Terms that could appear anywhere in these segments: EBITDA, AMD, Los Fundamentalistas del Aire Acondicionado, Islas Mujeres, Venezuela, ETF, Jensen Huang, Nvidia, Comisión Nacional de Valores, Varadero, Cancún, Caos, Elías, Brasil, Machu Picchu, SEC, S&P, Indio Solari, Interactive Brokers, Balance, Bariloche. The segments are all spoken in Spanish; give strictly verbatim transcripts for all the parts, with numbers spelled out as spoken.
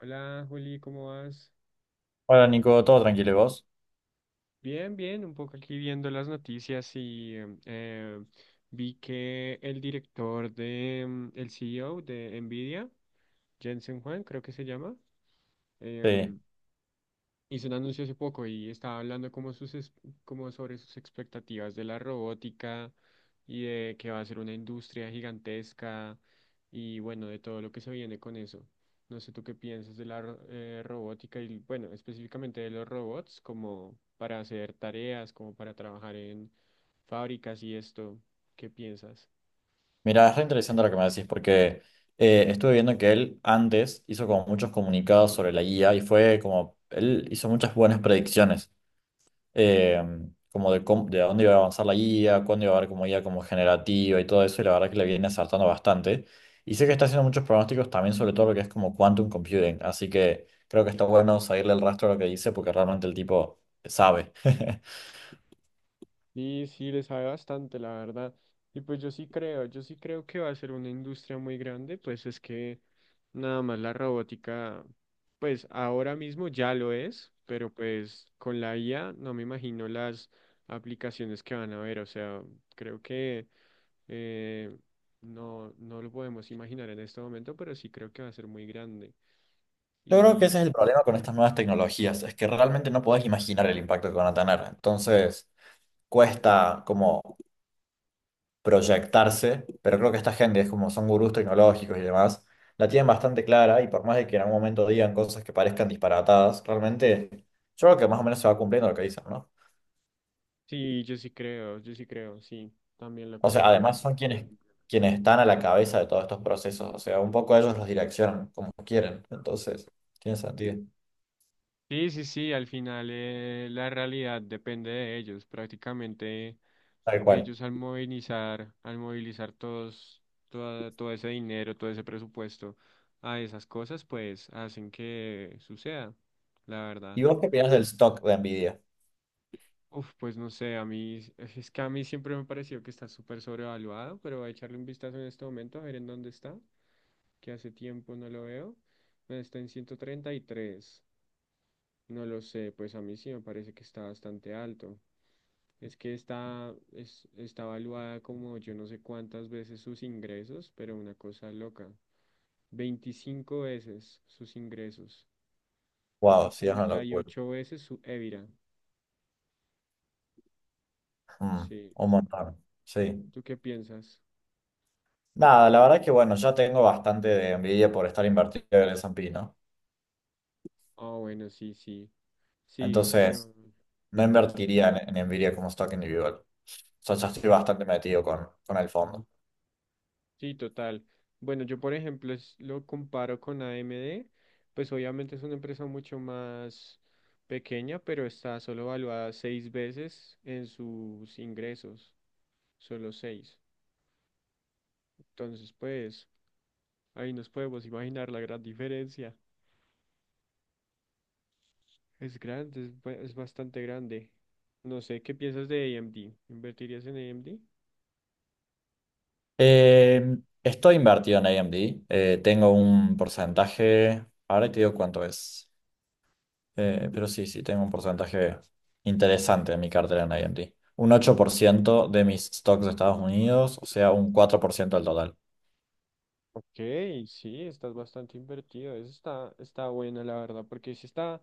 Hola Juli, ¿cómo vas? Hola Nico, todo tranquilo, ¿y vos? Bien, bien, un poco aquí viendo las noticias y em, eh, vi que el director de, em, el C E O de Nvidia, Jensen Huang, creo que se llama, Sí. em, hizo un anuncio hace poco y estaba hablando como, sus, es- como sobre sus expectativas de la robótica y de que va a ser una industria gigantesca y bueno, de todo lo que se viene con eso. No sé tú qué piensas de la ro- eh, robótica y bueno, específicamente de los robots como para hacer tareas, como para trabajar en fábricas y esto. ¿Qué piensas? Mira, es re interesante lo que me decís porque eh, estuve viendo que él antes hizo como muchos comunicados sobre la I A y fue como, él hizo muchas buenas predicciones, eh, como de, cómo- de a dónde iba a avanzar la I A, cuándo iba a haber como I A como generativa y todo eso, y la verdad que le viene acertando bastante. Y sé que está haciendo muchos pronósticos también sobre todo lo que es como quantum computing, así que creo que está bueno seguirle el rastro a lo que dice porque realmente el tipo sabe. Sí, sí, le sabe bastante, la verdad. Y pues yo sí creo, yo sí creo que va a ser una industria muy grande, pues es que nada más la robótica, pues ahora mismo ya lo es, pero pues con la I A no me imagino las aplicaciones que van a haber, o sea, creo que eh, no, no lo podemos imaginar en este momento, pero sí creo que va a ser muy grande. Yo creo que ese es el Y problema con estas nuevas tecnologías, es que realmente no podés imaginar el impacto que van a tener. Entonces, cuesta como proyectarse, pero creo que esta gente es como son gurús tecnológicos y demás, la tienen bastante clara y por más de que en algún momento digan cosas que parezcan disparatadas, realmente yo creo que más o menos se va cumpliendo lo que dicen, ¿no? sí, yo sí creo, yo sí creo, sí, también lo O sea, creo, de además verdad. son quienes, quienes están a la cabeza de todos estos procesos, o sea, un poco ellos los direccionan como quieren, entonces, tiene sentido. Sí, sí, sí, al final eh, la realidad depende de ellos. Prácticamente Tal cual. ellos al movilizar, al movilizar todos, toda- todo ese dinero, todo ese presupuesto a esas cosas, pues hacen que suceda, la verdad. ¿Y vos qué opinás del stock de Nvidia? Uf, pues no sé, a mí, es que a mí siempre me pareció que está súper sobrevaluado, pero voy a echarle un vistazo en este momento a ver en dónde está, que hace tiempo no lo veo. Está en ciento treinta y tres. No lo sé, pues a mí sí me parece que está bastante alto. Es que está, es, está evaluada como yo no sé cuántas veces sus ingresos, pero una cosa loca. Veinticinco veces sus ingresos y Wow, sí, es una treinta y locura. ocho veces su EBITDA. Mm, Sí. un montón, sí. ¿Tú qué piensas? Nada, la verdad que bueno, ya tengo bastante de envidia por estar invertido en el S and P, ¿no? Ah, bueno, sí, sí. Sí, Entonces, pero. no Ujú. invertiría en, en Nvidia como stock individual. O sea, ya estoy bastante metido con, con el fondo. Sí, total. Bueno, yo por ejemplo es- lo comparo con A M D, pues obviamente es una empresa mucho más pequeña, pero está solo valuada seis veces en sus ingresos. Solo seis. Entonces, pues, ahí nos podemos imaginar la gran diferencia. Es grande, es, ba- es bastante grande. No sé, ¿qué piensas de A M D? ¿Invertirías en A M D? Eh, estoy invertido en A M D. eh, tengo un porcentaje, ahora te digo cuánto es. Eh, pero sí, sí, tengo un porcentaje interesante en mi cartera en A M D. Un ocho por ciento de mis stocks de Estados Unidos, o sea, un cuatro por ciento del total. Ok, sí, estás bastante invertido. Eso está, está buena, la verdad, porque sí está,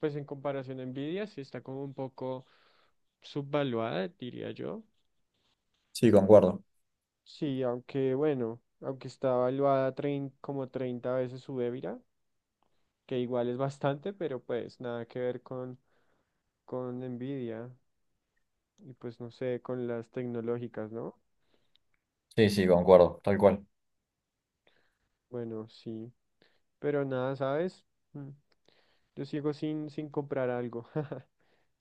pues en comparación a Nvidia, sí está como un poco subvaluada, diría yo. Sí, concuerdo. Sí, aunque bueno, aunque está valuada trein- como treinta veces su EBITDA, que igual es bastante, pero pues nada que ver con con Nvidia y pues no sé, con las tecnológicas, ¿no? Sí, sí, concuerdo, tal cual. Bueno, sí, pero nada, ¿sabes? Mm, Yo sigo sin, sin comprar algo,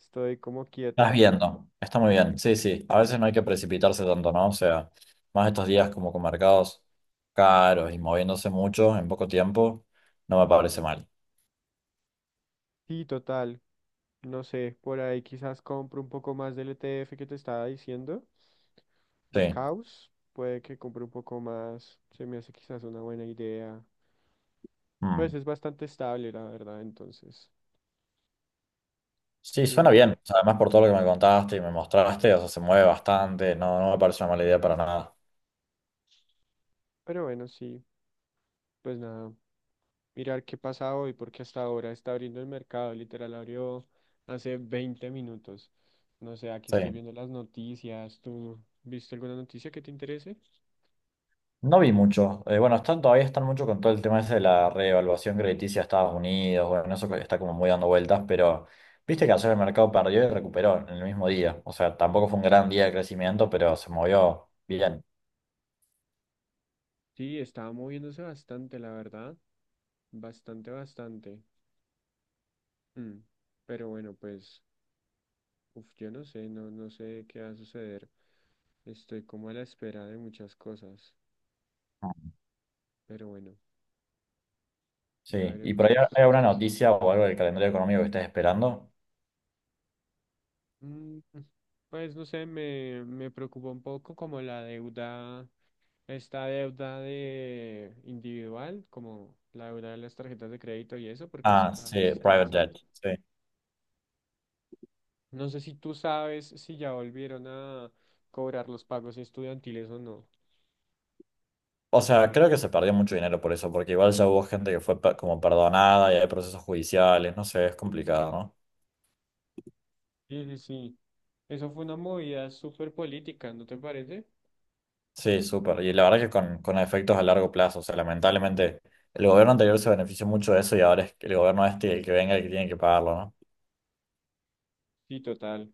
estoy como Estás quieto. viendo, está muy bien, sí, sí. A veces no hay que precipitarse tanto, ¿no? O sea, más estos días como con mercados caros y moviéndose mucho en poco tiempo, no me parece mal. Sí, total, no sé, por ahí quizás compro un poco más del E T F que te estaba diciendo, de Sí, Caos, puede que compre un poco más, se me hace quizás una buena idea. Pues mm. es bastante estable, la verdad, entonces, Sí, suena sí, bien. O sea, además por todo lo que me contaste y me mostraste, o sea, se mueve bastante, no, no me parece una mala idea para nada. pero bueno, sí, pues nada. Mirar qué pasa hoy, porque hasta ahora está abriendo el mercado, literal abrió hace veinte minutos. No sé, aquí Sí. estoy viendo las noticias. ¿Tú viste alguna noticia que te interese? No vi mucho. Eh, bueno, están, todavía están mucho con todo el tema ese de la reevaluación crediticia de Estados Unidos. Bueno, eso está como muy dando vueltas, pero viste que ayer el mercado perdió y recuperó en el mismo día. O sea, tampoco fue un gran día de crecimiento, pero se movió bien. Sí, estaba moviéndose bastante, la verdad. Bastante, bastante. Mm, Pero bueno, pues, uf, yo no sé, no, no sé qué va a suceder. Estoy como a la espera de muchas cosas. Pero bueno, ya Sí. ¿Y veremos por ahí qué hay sucede. alguna noticia o algo del calendario económico que estés esperando? Mm, Pues no sé, me, me preocupa un poco como la deuda esta deuda de individual, como la deuda de las tarjetas de crédito y eso, porque eso Ah, cada vez sí, está private más jet. alto. Sí. No sé si tú sabes si ya volvieron a cobrar los pagos estudiantiles o no. O sea, creo que se perdió mucho dinero por eso, porque igual ya hubo gente que fue pe- como perdonada y hay procesos judiciales. No sé, es complicado, no. Sí, sí, sí. Eso fue una movida súper política, ¿no te parece? Sí, súper. Y la verdad que con, con efectos a largo plazo, o sea, lamentablemente el gobierno anterior se benefició mucho de eso y ahora es el gobierno este el que venga el que tiene que pagarlo, ¿no? Sí, total.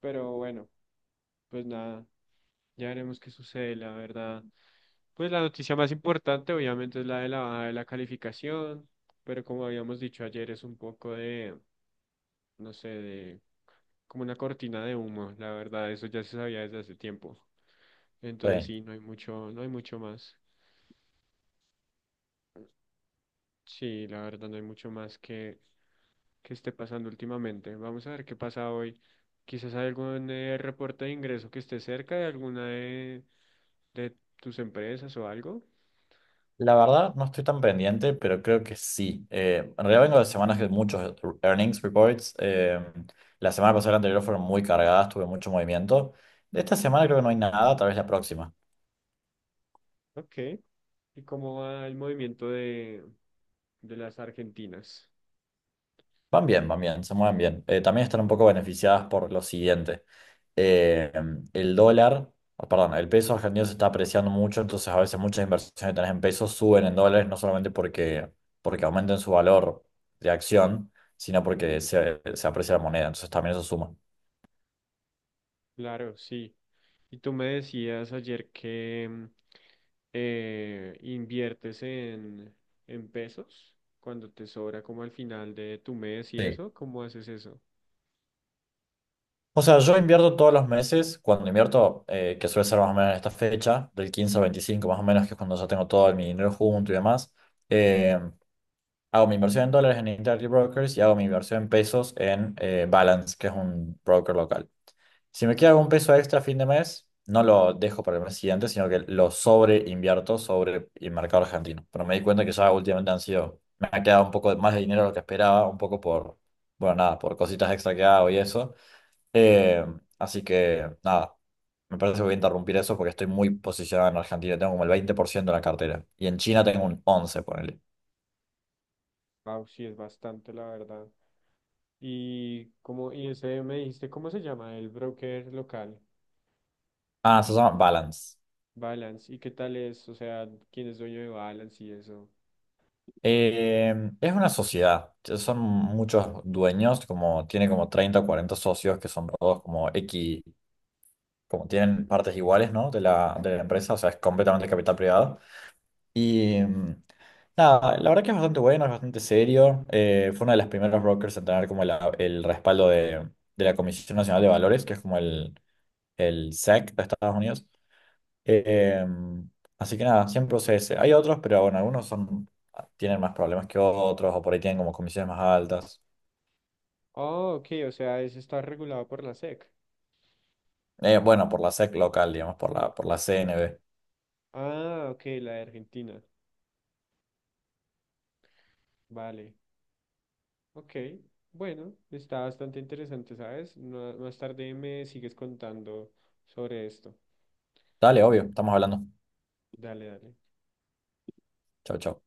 Pero bueno, pues nada, ya veremos qué sucede, la verdad. Pues la noticia más importante obviamente es la de la baja de la calificación, pero como habíamos dicho ayer es un poco de, no sé, de como una cortina de humo, la verdad, eso ya se sabía desde hace tiempo. Entonces Sí. sí, no hay mucho, no hay mucho más. Sí, la verdad, no hay mucho más que, que esté pasando últimamente. Vamos a ver qué pasa hoy. Quizás hay algún eh, reporte de ingreso que esté cerca de alguna de, de tus empresas o algo. La verdad no estoy tan pendiente, pero creo que sí. Eh, en realidad vengo de semanas de muchos earnings reports. eh, la semana pasada y la anterior fueron muy cargadas, tuve mucho movimiento. De esta semana creo que no hay nada, tal vez la próxima. Ok. ¿Y cómo va el movimiento de, de las argentinas? Van bien, van bien, se mueven bien. Eh, también están un poco beneficiadas por lo siguiente. Eh, el dólar, oh, perdón, el peso argentino se está apreciando mucho, entonces a veces muchas inversiones que tenés en pesos suben en dólares, no solamente porque, porque aumenten su valor de acción, sino porque se, se aprecia la moneda, entonces también eso suma. Claro, sí. Y tú me decías ayer que mm, eh, inviertes en, en pesos cuando te sobra como al final de tu mes y Sí. eso, ¿cómo haces eso? O sea, yo invierto todos los meses, cuando invierto, eh, que suele ser más o menos en esta fecha, del quince al veinticinco más o menos, que es cuando ya tengo todo mi dinero junto y demás. eh, Hago mi inversión en dólares en Interactive Brokers y hago mi inversión en pesos en eh, Balance, que es un broker local. Si me queda algún peso extra a fin de mes, no lo dejo para el mes siguiente, sino que lo sobreinvierto sobre el mercado argentino. Pero me di cuenta que ya últimamente han sido, me ha quedado un poco más de dinero de lo que esperaba, un poco por, bueno, nada, por cositas extra que hago y eso. Eh, así que, nada, me parece que voy a interrumpir eso porque estoy muy posicionado en Argentina. Tengo como el veinte por ciento de la cartera y en China tengo un once, ponele. Wow, sí, es bastante, la verdad. Y como, y ese me dijiste, ¿cómo se llama? El broker local, Ah, se llama Balance. Balance. ¿Y qué tal es? O sea, ¿quién es dueño de Balance y eso? Eh, es una sociedad, son muchos dueños, como tiene como treinta o cuarenta socios que son todos como X, como tienen partes iguales, ¿no? De la, de la empresa, o sea, es completamente capital privado. Y mm, nada, la verdad que es bastante bueno, es bastante serio. eh, fue uno de los primeros brokers en tener como la- el respaldo de, de la Comisión Nacional de Valores, que es como el, el S E C de Estados Unidos. Eh, así que nada, siempre usé ese. Hay otros, pero bueno, algunos son, tienen más problemas que otros, o por ahí tienen como comisiones más altas. Oh, ok, o sea, ese está regulado por la S E C. Eh, bueno, por la S E C local, digamos, por la, por la C N B. Ah, ok, la de Argentina. Vale. Ok, bueno, está bastante interesante, ¿sabes? No- más tarde me sigues contando sobre esto. Dale, obvio, estamos hablando. Dale, dale. Chau, chau.